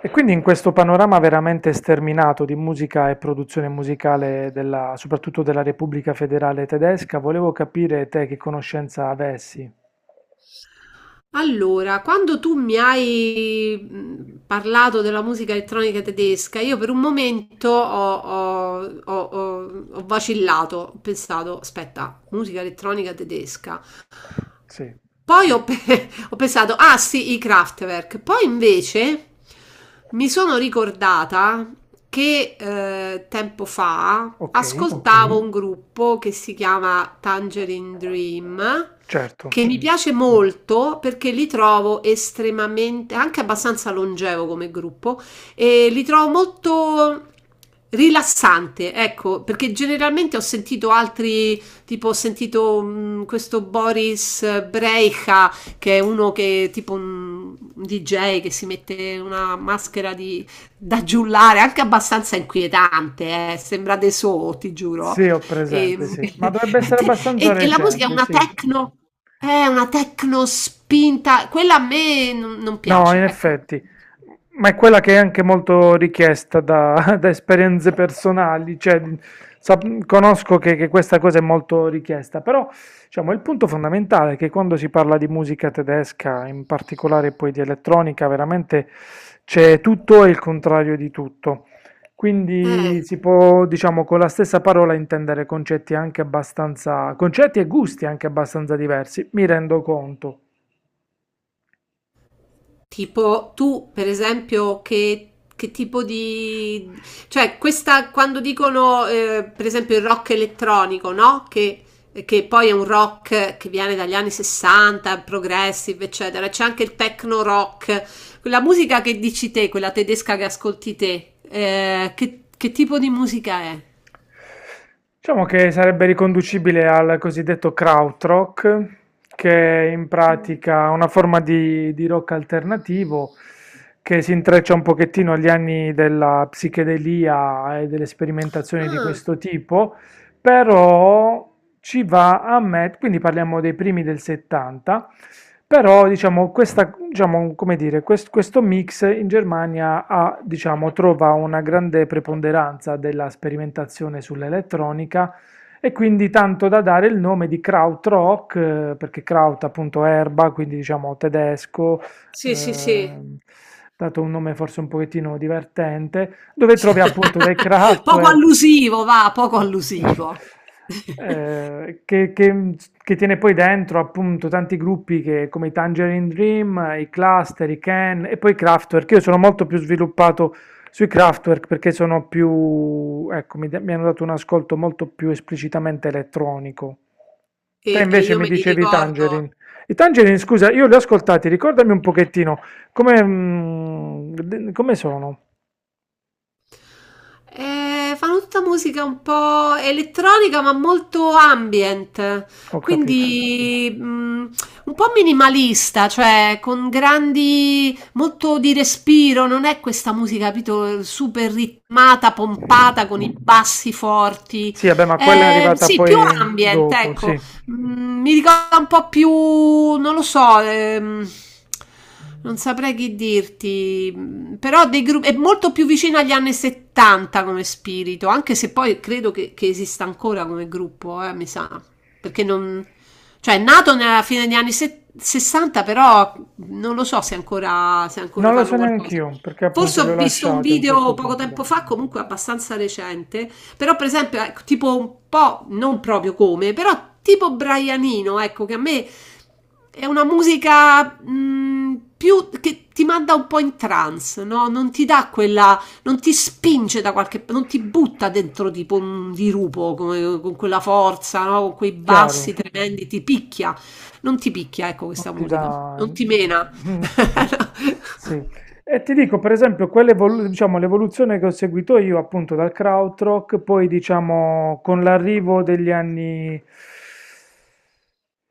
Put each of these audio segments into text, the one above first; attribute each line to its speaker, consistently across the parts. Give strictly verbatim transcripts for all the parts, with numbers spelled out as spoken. Speaker 1: E quindi in questo panorama veramente sterminato di musica e produzione musicale della, soprattutto della Repubblica Federale Tedesca, volevo capire te che conoscenza avessi.
Speaker 2: Allora, quando tu mi hai mh, parlato della musica elettronica tedesca, io per un momento ho, ho- ho- ho- ho vacillato, ho pensato, aspetta, musica elettronica tedesca.
Speaker 1: Sì,
Speaker 2: Poi ho, pe- ho pensato, ah sì, i Kraftwerk. Poi invece mi sono ricordata che eh, tempo fa. Ok.
Speaker 1: ok,
Speaker 2: Ascoltavo un gruppo che si chiama Tangerine Dream,
Speaker 1: certo.
Speaker 2: che mi piace molto perché li trovo estremamente, anche abbastanza longevo come gruppo, e li trovo molto rilassante, ecco, perché generalmente ho sentito altri, tipo ho sentito mh, questo Boris Brejcha, che è uno che è tipo un, un D J che si mette una maschera di, da giullare, anche abbastanza inquietante, eh, sembra De So, ti
Speaker 1: Sì,
Speaker 2: giuro.
Speaker 1: ho
Speaker 2: E,
Speaker 1: presente, sì. Ma dovrebbe essere
Speaker 2: e,
Speaker 1: abbastanza
Speaker 2: e la musica è
Speaker 1: recente,
Speaker 2: una
Speaker 1: sì.
Speaker 2: techno, è una techno spinta, quella a me non, non
Speaker 1: No,
Speaker 2: piace,
Speaker 1: in
Speaker 2: ecco.
Speaker 1: effetti, ma è quella che è anche molto richiesta da, da esperienze personali, cioè, sap- conosco che, che questa cosa è molto richiesta, però diciamo, il punto fondamentale è che quando si parla di musica tedesca, in particolare poi di elettronica, veramente c'è tutto e il contrario di tutto.
Speaker 2: Eh,
Speaker 1: Quindi si può, diciamo, con la stessa parola intendere concetti anche abbastanza, concetti e gusti anche abbastanza diversi, mi rendo conto.
Speaker 2: tipo tu, per esempio, che, che tipo di... Cioè, questa, quando dicono, eh, per esempio, il rock elettronico, no? Che, che poi è un rock che viene dagli anni sessanta, progressive, eccetera. C'è anche il techno rock, quella musica che dici te, quella tedesca che ascolti te, eh, che, che tipo di musica è?
Speaker 1: Diciamo che sarebbe riconducibile al cosiddetto krautrock, che è in pratica una forma di, di rock alternativo che si intreccia un pochettino agli anni della psichedelia e delle sperimentazioni di
Speaker 2: Ah,
Speaker 1: questo tipo, però ci va a mettere, quindi parliamo dei primi del settanta, però diciamo, questa, diciamo, come dire, quest- questo mix in Germania ha, diciamo, trova una grande preponderanza della sperimentazione sull'elettronica e quindi tanto da dare il nome di Krautrock, eh, perché Kraut appunto erba, quindi diciamo tedesco,
Speaker 2: sì, sì, sì.
Speaker 1: eh, dato un nome forse un pochettino divertente dove trovi appunto del
Speaker 2: Poco
Speaker 1: Kraftwerk.
Speaker 2: allusivo va, poco allusivo.
Speaker 1: eh, che, che- che tiene poi dentro appunto tanti gruppi che- come i Tangerine Dream, i Cluster, i Can e poi i Kraftwerk. Io sono molto più sviluppato sui Kraftwerk perché sono più, ecco, mi, da- mi hanno dato un ascolto molto più esplicitamente elettronico. Te
Speaker 2: E e
Speaker 1: invece
Speaker 2: io
Speaker 1: mi
Speaker 2: me li
Speaker 1: dicevi i
Speaker 2: ricordo.
Speaker 1: Tangerine. I Tangerine, scusa, io li ho ascoltati, ricordami un pochettino come, mm, de- come sono.
Speaker 2: Ehm, fanno tutta musica un po' elettronica, ma molto ambient,
Speaker 1: Ho capito.
Speaker 2: quindi, mhmm, un po' minimalista, cioè con grandi molto di respiro, non è questa musica, capito, super ritmata, pompata, con i bassi forti.
Speaker 1: Sì, vabbè, ma quella è
Speaker 2: Ehm,
Speaker 1: arrivata
Speaker 2: sì, più
Speaker 1: poi
Speaker 2: ambient,
Speaker 1: dopo,
Speaker 2: ecco.
Speaker 1: sì.
Speaker 2: Mm, mi ricorda un po' più, non lo so, ehm, non saprei che dirti, mm, però dei gruppi, è molto più vicino agli anni settanta come spirito, anche se poi credo che, che esista ancora come gruppo, eh, mi sa, perché non, cioè è nato nella fine degli anni se- sessanta, però non lo so se ancora, se ancora
Speaker 1: Non lo
Speaker 2: fanno
Speaker 1: so
Speaker 2: qualcosa.
Speaker 1: neanch'io, perché appunto
Speaker 2: Forse
Speaker 1: li ho
Speaker 2: ho visto un
Speaker 1: lasciati a un
Speaker 2: video
Speaker 1: certo
Speaker 2: poco
Speaker 1: punto.
Speaker 2: tempo fa, comunque abbastanza recente, però, per esempio, ecco, tipo un po', non proprio come, però tipo Brianino, ecco, che a me è una musica mh, più che ti manda un po' in trance, no? Non ti dà quella, non ti spinge da qualche, non ti butta dentro tipo un dirupo come- con quella forza, no? Con quei
Speaker 1: Chiaro.
Speaker 2: bassi tremendi, ti picchia. Non ti picchia, ecco,
Speaker 1: Non
Speaker 2: questa
Speaker 1: ti dà...
Speaker 2: musica. Non ti mena.
Speaker 1: Mm. Mm. Sì. E ti dico, per esempio, quell'evolu- diciamo, l'evoluzione che ho seguito io appunto dal krautrock, poi diciamo con l'arrivo degli anni,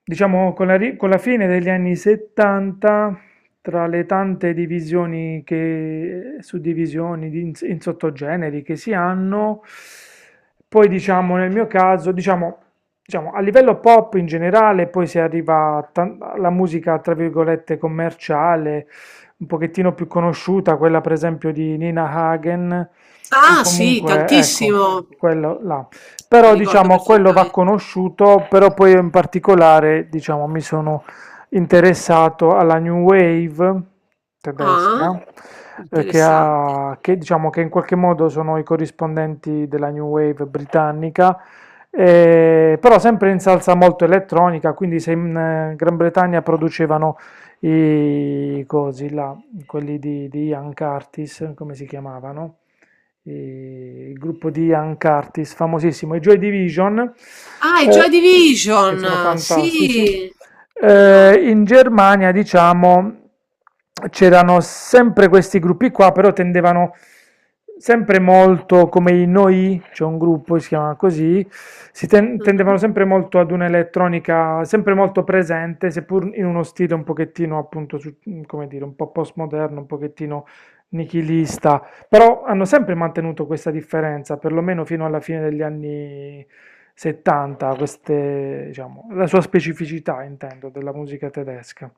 Speaker 1: diciamo con la, ri- con la fine degli anni settanta, tra le tante divisioni che, suddivisioni di- in, in sottogeneri che si hanno, poi diciamo nel mio caso, diciamo diciamo, a livello pop in generale, poi si arriva a tan- alla musica, tra virgolette, commerciale, un pochettino più conosciuta, quella per esempio di Nina Hagen, o
Speaker 2: Ah, sì,
Speaker 1: comunque, ecco,
Speaker 2: tantissimo.
Speaker 1: quello là.
Speaker 2: La
Speaker 1: Però
Speaker 2: ricordo
Speaker 1: diciamo, quello va
Speaker 2: perfettamente.
Speaker 1: conosciuto, però poi io in particolare, diciamo, mi sono interessato alla New Wave
Speaker 2: Ah,
Speaker 1: tedesca, eh, che,
Speaker 2: interessante.
Speaker 1: ha, che, diciamo, che in qualche modo sono i corrispondenti della New Wave britannica eh, però sempre in salsa molto elettronica, quindi se in eh, Gran Bretagna producevano i cosi là, quelli di, di Ian Curtis, come si chiamavano? I- il gruppo di Ian Curtis, famosissimo, i Joy Division,
Speaker 2: Ah, è Joy
Speaker 1: eh, che sono
Speaker 2: Division,
Speaker 1: fantastici.
Speaker 2: sì, come no?
Speaker 1: Eh, in Germania, diciamo, c'erano sempre questi gruppi qua, però tendevano sempre molto, come i Noi, c'è un gruppo che si chiama così, si ten- tendevano
Speaker 2: Mhm.
Speaker 1: sempre molto ad un'elettronica sempre molto presente, seppur in uno stile un pochettino, appunto, su- come dire, un po' postmoderno, un pochettino nichilista. Però hanno sempre mantenuto questa differenza, perlomeno fino alla fine degli anni settanta, queste, diciamo, la sua specificità, intendo, della musica tedesca.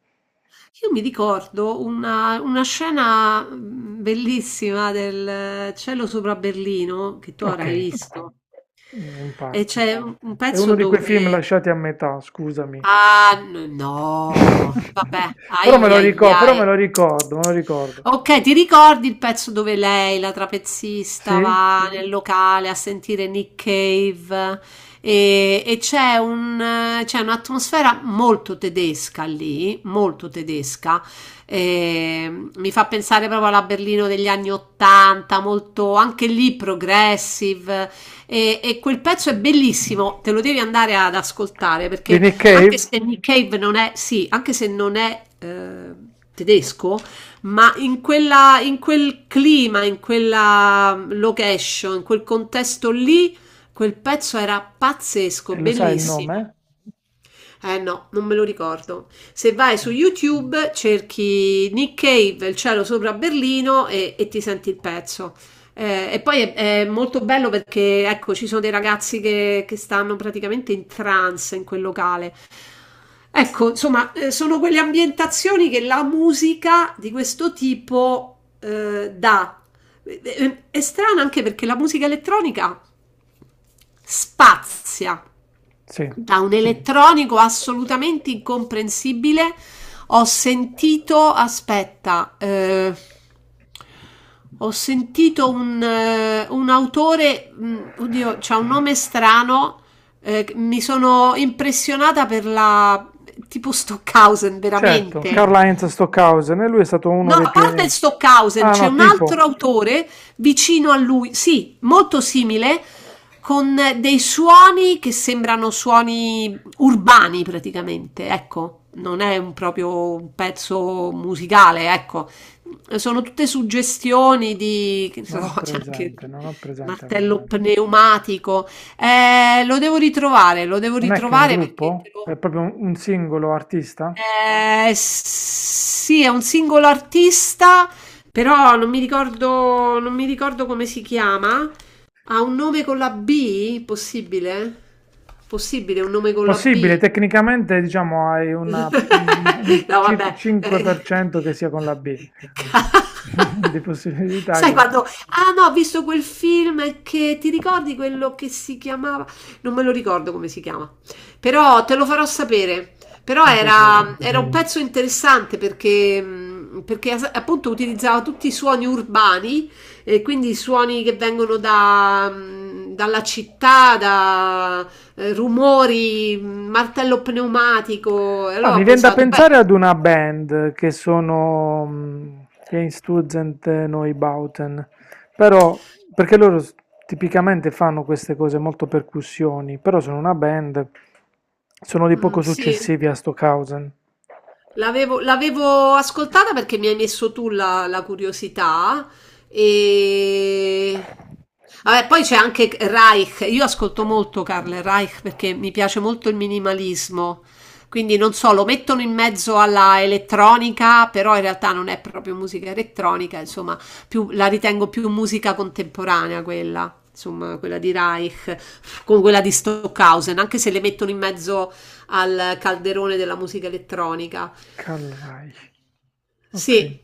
Speaker 2: Io mi ricordo una, una scena mm, bellissima del eh, cielo sopra Berlino che tu
Speaker 1: Ok,
Speaker 2: avrai visto.
Speaker 1: mm, in
Speaker 2: E
Speaker 1: parte.
Speaker 2: c'è un un
Speaker 1: È
Speaker 2: pezzo
Speaker 1: uno di quei film
Speaker 2: dove
Speaker 1: lasciati a metà, scusami.
Speaker 2: Ah, n- no, vabbè,
Speaker 1: Però me
Speaker 2: ai
Speaker 1: lo
Speaker 2: ai
Speaker 1: ricordo, però me
Speaker 2: ai.
Speaker 1: lo ricordo, me lo ricordo.
Speaker 2: Ok, ti ricordi il pezzo dove lei, la trapezista,
Speaker 1: Sì?
Speaker 2: va nel locale a sentire Nick Cave e, e c'è un, eh, c'è un'atmosfera molto tedesca lì, molto tedesca. Eh, mi fa pensare proprio alla Berlino degli anni Ottanta, molto anche lì progressive. E, e quel pezzo è bellissimo, te lo devi andare ad ascoltare
Speaker 1: Di
Speaker 2: perché
Speaker 1: Nick
Speaker 2: anche
Speaker 1: Cave?
Speaker 2: se Nick Cave non è, sì, anche se non è eh, tedesco, ma in, quella, in quel clima, in quella mm, location, in quel contesto lì, quel pezzo era pazzesco,
Speaker 1: E lo sai il
Speaker 2: bellissimo.
Speaker 1: nome?
Speaker 2: Eh no, non me lo ricordo. Se vai su YouTube cerchi Nick Cave, il cielo sopra Berlino e, e ti senti il pezzo. Eh, e poi è, è molto bello perché ecco, ci sono dei ragazzi che, che stanno praticamente in trance in quel locale. Ecco, insomma, eh, sono quelle ambientazioni che la musica di questo tipo eh, dà. Eh, eh, È strano anche perché la musica elettronica spazia,
Speaker 1: Sì,
Speaker 2: da un elettronico assolutamente incomprensibile. Ho sentito, aspetta, eh, ho sentito un, eh, un autore, mh, oddio, c'ha un nome strano, eh, mi sono impressionata per la, tipo Stockhausen,
Speaker 1: certo,
Speaker 2: veramente.
Speaker 1: Karl-Heinz Stockhausen, e lui è stato
Speaker 2: No,
Speaker 1: uno dei
Speaker 2: a parte
Speaker 1: pionieri.
Speaker 2: Stockhausen,
Speaker 1: Ah
Speaker 2: c'è
Speaker 1: no,
Speaker 2: un
Speaker 1: tipo.
Speaker 2: altro autore vicino a lui, sì, molto simile, con dei suoni che sembrano suoni urbani praticamente, ecco, non è un proprio un pezzo musicale, ecco, sono tutte suggestioni di, che ne so,
Speaker 1: Non ho
Speaker 2: c'è anche
Speaker 1: presente,
Speaker 2: il
Speaker 1: non ho presente al
Speaker 2: martello
Speaker 1: momento.
Speaker 2: pneumatico. Eh, lo devo ritrovare, lo devo
Speaker 1: Non è che è un
Speaker 2: ritrovare perché te
Speaker 1: gruppo?
Speaker 2: lo
Speaker 1: È proprio un, un singolo artista?
Speaker 2: eh, sì, è un singolo artista, però non mi ricordo, non mi ricordo come si chiama. Ha un nome con la B? Possibile? Possibile un nome con la B?
Speaker 1: Possibile, tecnicamente diciamo hai una, un
Speaker 2: No,
Speaker 1: cir-
Speaker 2: vabbè. Eh,
Speaker 1: cinque per cento che sia con la B. Di possibilità
Speaker 2: Sai
Speaker 1: che...
Speaker 2: quando... Ah no, ho visto quel film che ti ricordi quello che si chiamava? Non me lo ricordo come si chiama, però te lo farò sapere. Però
Speaker 1: Con piacere.
Speaker 2: era, era un Mm. pezzo interessante perché, mh, perché as- appunto utilizzava tutti i suoni urbani e quindi i suoni che vengono da, mh, dalla città, da eh, rumori, mh, martello pneumatico. E
Speaker 1: Ah,
Speaker 2: allora ho
Speaker 1: mi viene da
Speaker 2: pensato, beh,
Speaker 1: pensare ad una band che sono mm, Einstürzend Neubauten, però perché loro s- tipicamente fanno queste cose molto percussioni, però sono una band, sono di
Speaker 2: mm,
Speaker 1: poco
Speaker 2: sì.
Speaker 1: successivi a Stockhausen.
Speaker 2: L'avevo l'avevo ascoltata perché mi hai messo tu la, la curiosità e... Vabbè, poi c'è anche Reich, io ascolto molto Karl Reich perché mi piace molto il minimalismo, quindi non so, lo mettono in mezzo alla elettronica, però in realtà non è proprio musica elettronica, insomma, più- la ritengo più musica contemporanea quella, insomma, quella di Reich, con quella di Stockhausen, anche se le mettono in mezzo al calderone della musica elettronica.
Speaker 1: Karl Reich, ok.
Speaker 2: Sì,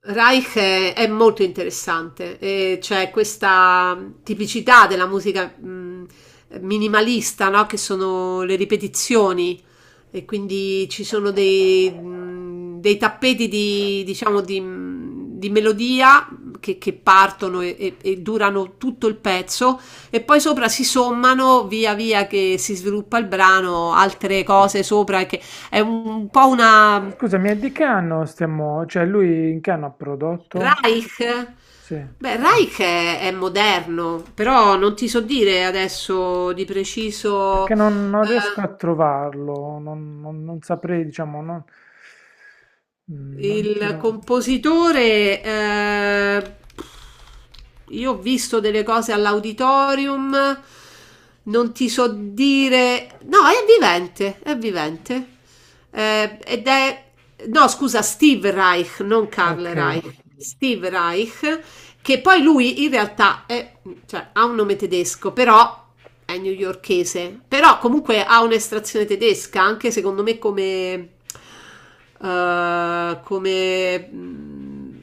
Speaker 2: Reich è, è molto interessante, e c'è questa tipicità della musica mh, minimalista, no? Che sono le ripetizioni e quindi ci sono dei, mh, dei tappeti di, diciamo, di, mh, di melodia che, che partono e, e- e durano tutto il pezzo e poi sopra si sommano via via che si sviluppa il brano, altre cose sopra, che è un po' una
Speaker 1: Scusami, è di che anno stiamo, cioè lui in che anno ha prodotto?
Speaker 2: Reich?
Speaker 1: Sì,
Speaker 2: Beh, Reich è, è moderno, però non ti so dire adesso di preciso
Speaker 1: perché non, non riesco a trovarlo, non, non- non saprei, diciamo, non, mm,
Speaker 2: eh,
Speaker 1: non ce
Speaker 2: il
Speaker 1: l'ho.
Speaker 2: compositore. Eh, io ho visto delle cose all'auditorium, non ti so dire. No, è vivente, è vivente. Eh, ed è. No, scusa, Steve Reich, non Karl
Speaker 1: Ok,
Speaker 2: Reich. Steve Reich che poi lui in realtà è, cioè, ha un nome tedesco, però è newyorchese, però comunque ha un'estrazione tedesca, anche secondo me come, eh, come mh,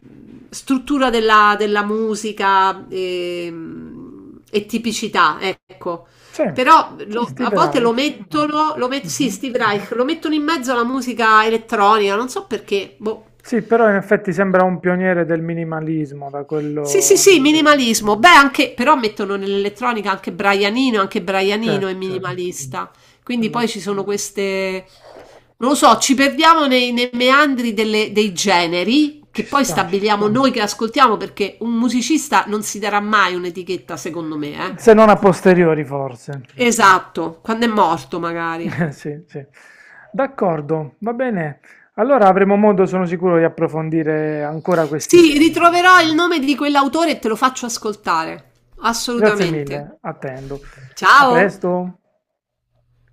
Speaker 2: struttura della, della musica e, e tipicità, ecco.
Speaker 1: sì,
Speaker 2: Però lo- a
Speaker 1: Steve
Speaker 2: volte lo
Speaker 1: Reich.
Speaker 2: mettono, lo met- sì,
Speaker 1: Mhm.
Speaker 2: Steve Reich, lo mettono in mezzo alla musica elettronica, non so perché, boh.
Speaker 1: Sì, però in effetti sembra un pioniere del minimalismo, da
Speaker 2: Sì, sì,
Speaker 1: quello
Speaker 2: sì,
Speaker 1: che...
Speaker 2: minimalismo. Beh, anche, però mettono nell'elettronica anche Brianino, anche Brianino è
Speaker 1: Certo, certo,
Speaker 2: minimalista. Quindi
Speaker 1: Alla-
Speaker 2: poi ci sono queste, non lo so, ci perdiamo nei, nei meandri delle- dei generi che
Speaker 1: ci
Speaker 2: poi
Speaker 1: sta.
Speaker 2: stabiliamo noi che ascoltiamo perché un musicista non si darà mai un'etichetta, secondo me, eh.
Speaker 1: Se non a posteriori, forse.
Speaker 2: Esatto, quando è morto magari.
Speaker 1: Sì, sì. D'accordo, va bene. Allora avremo modo, sono sicuro, di approfondire ancora questi
Speaker 2: Sì,
Speaker 1: temi.
Speaker 2: ritroverò il nome di quell'autore e te lo faccio ascoltare.
Speaker 1: Grazie
Speaker 2: Assolutamente.
Speaker 1: mille, attendo. A
Speaker 2: Ciao!
Speaker 1: presto.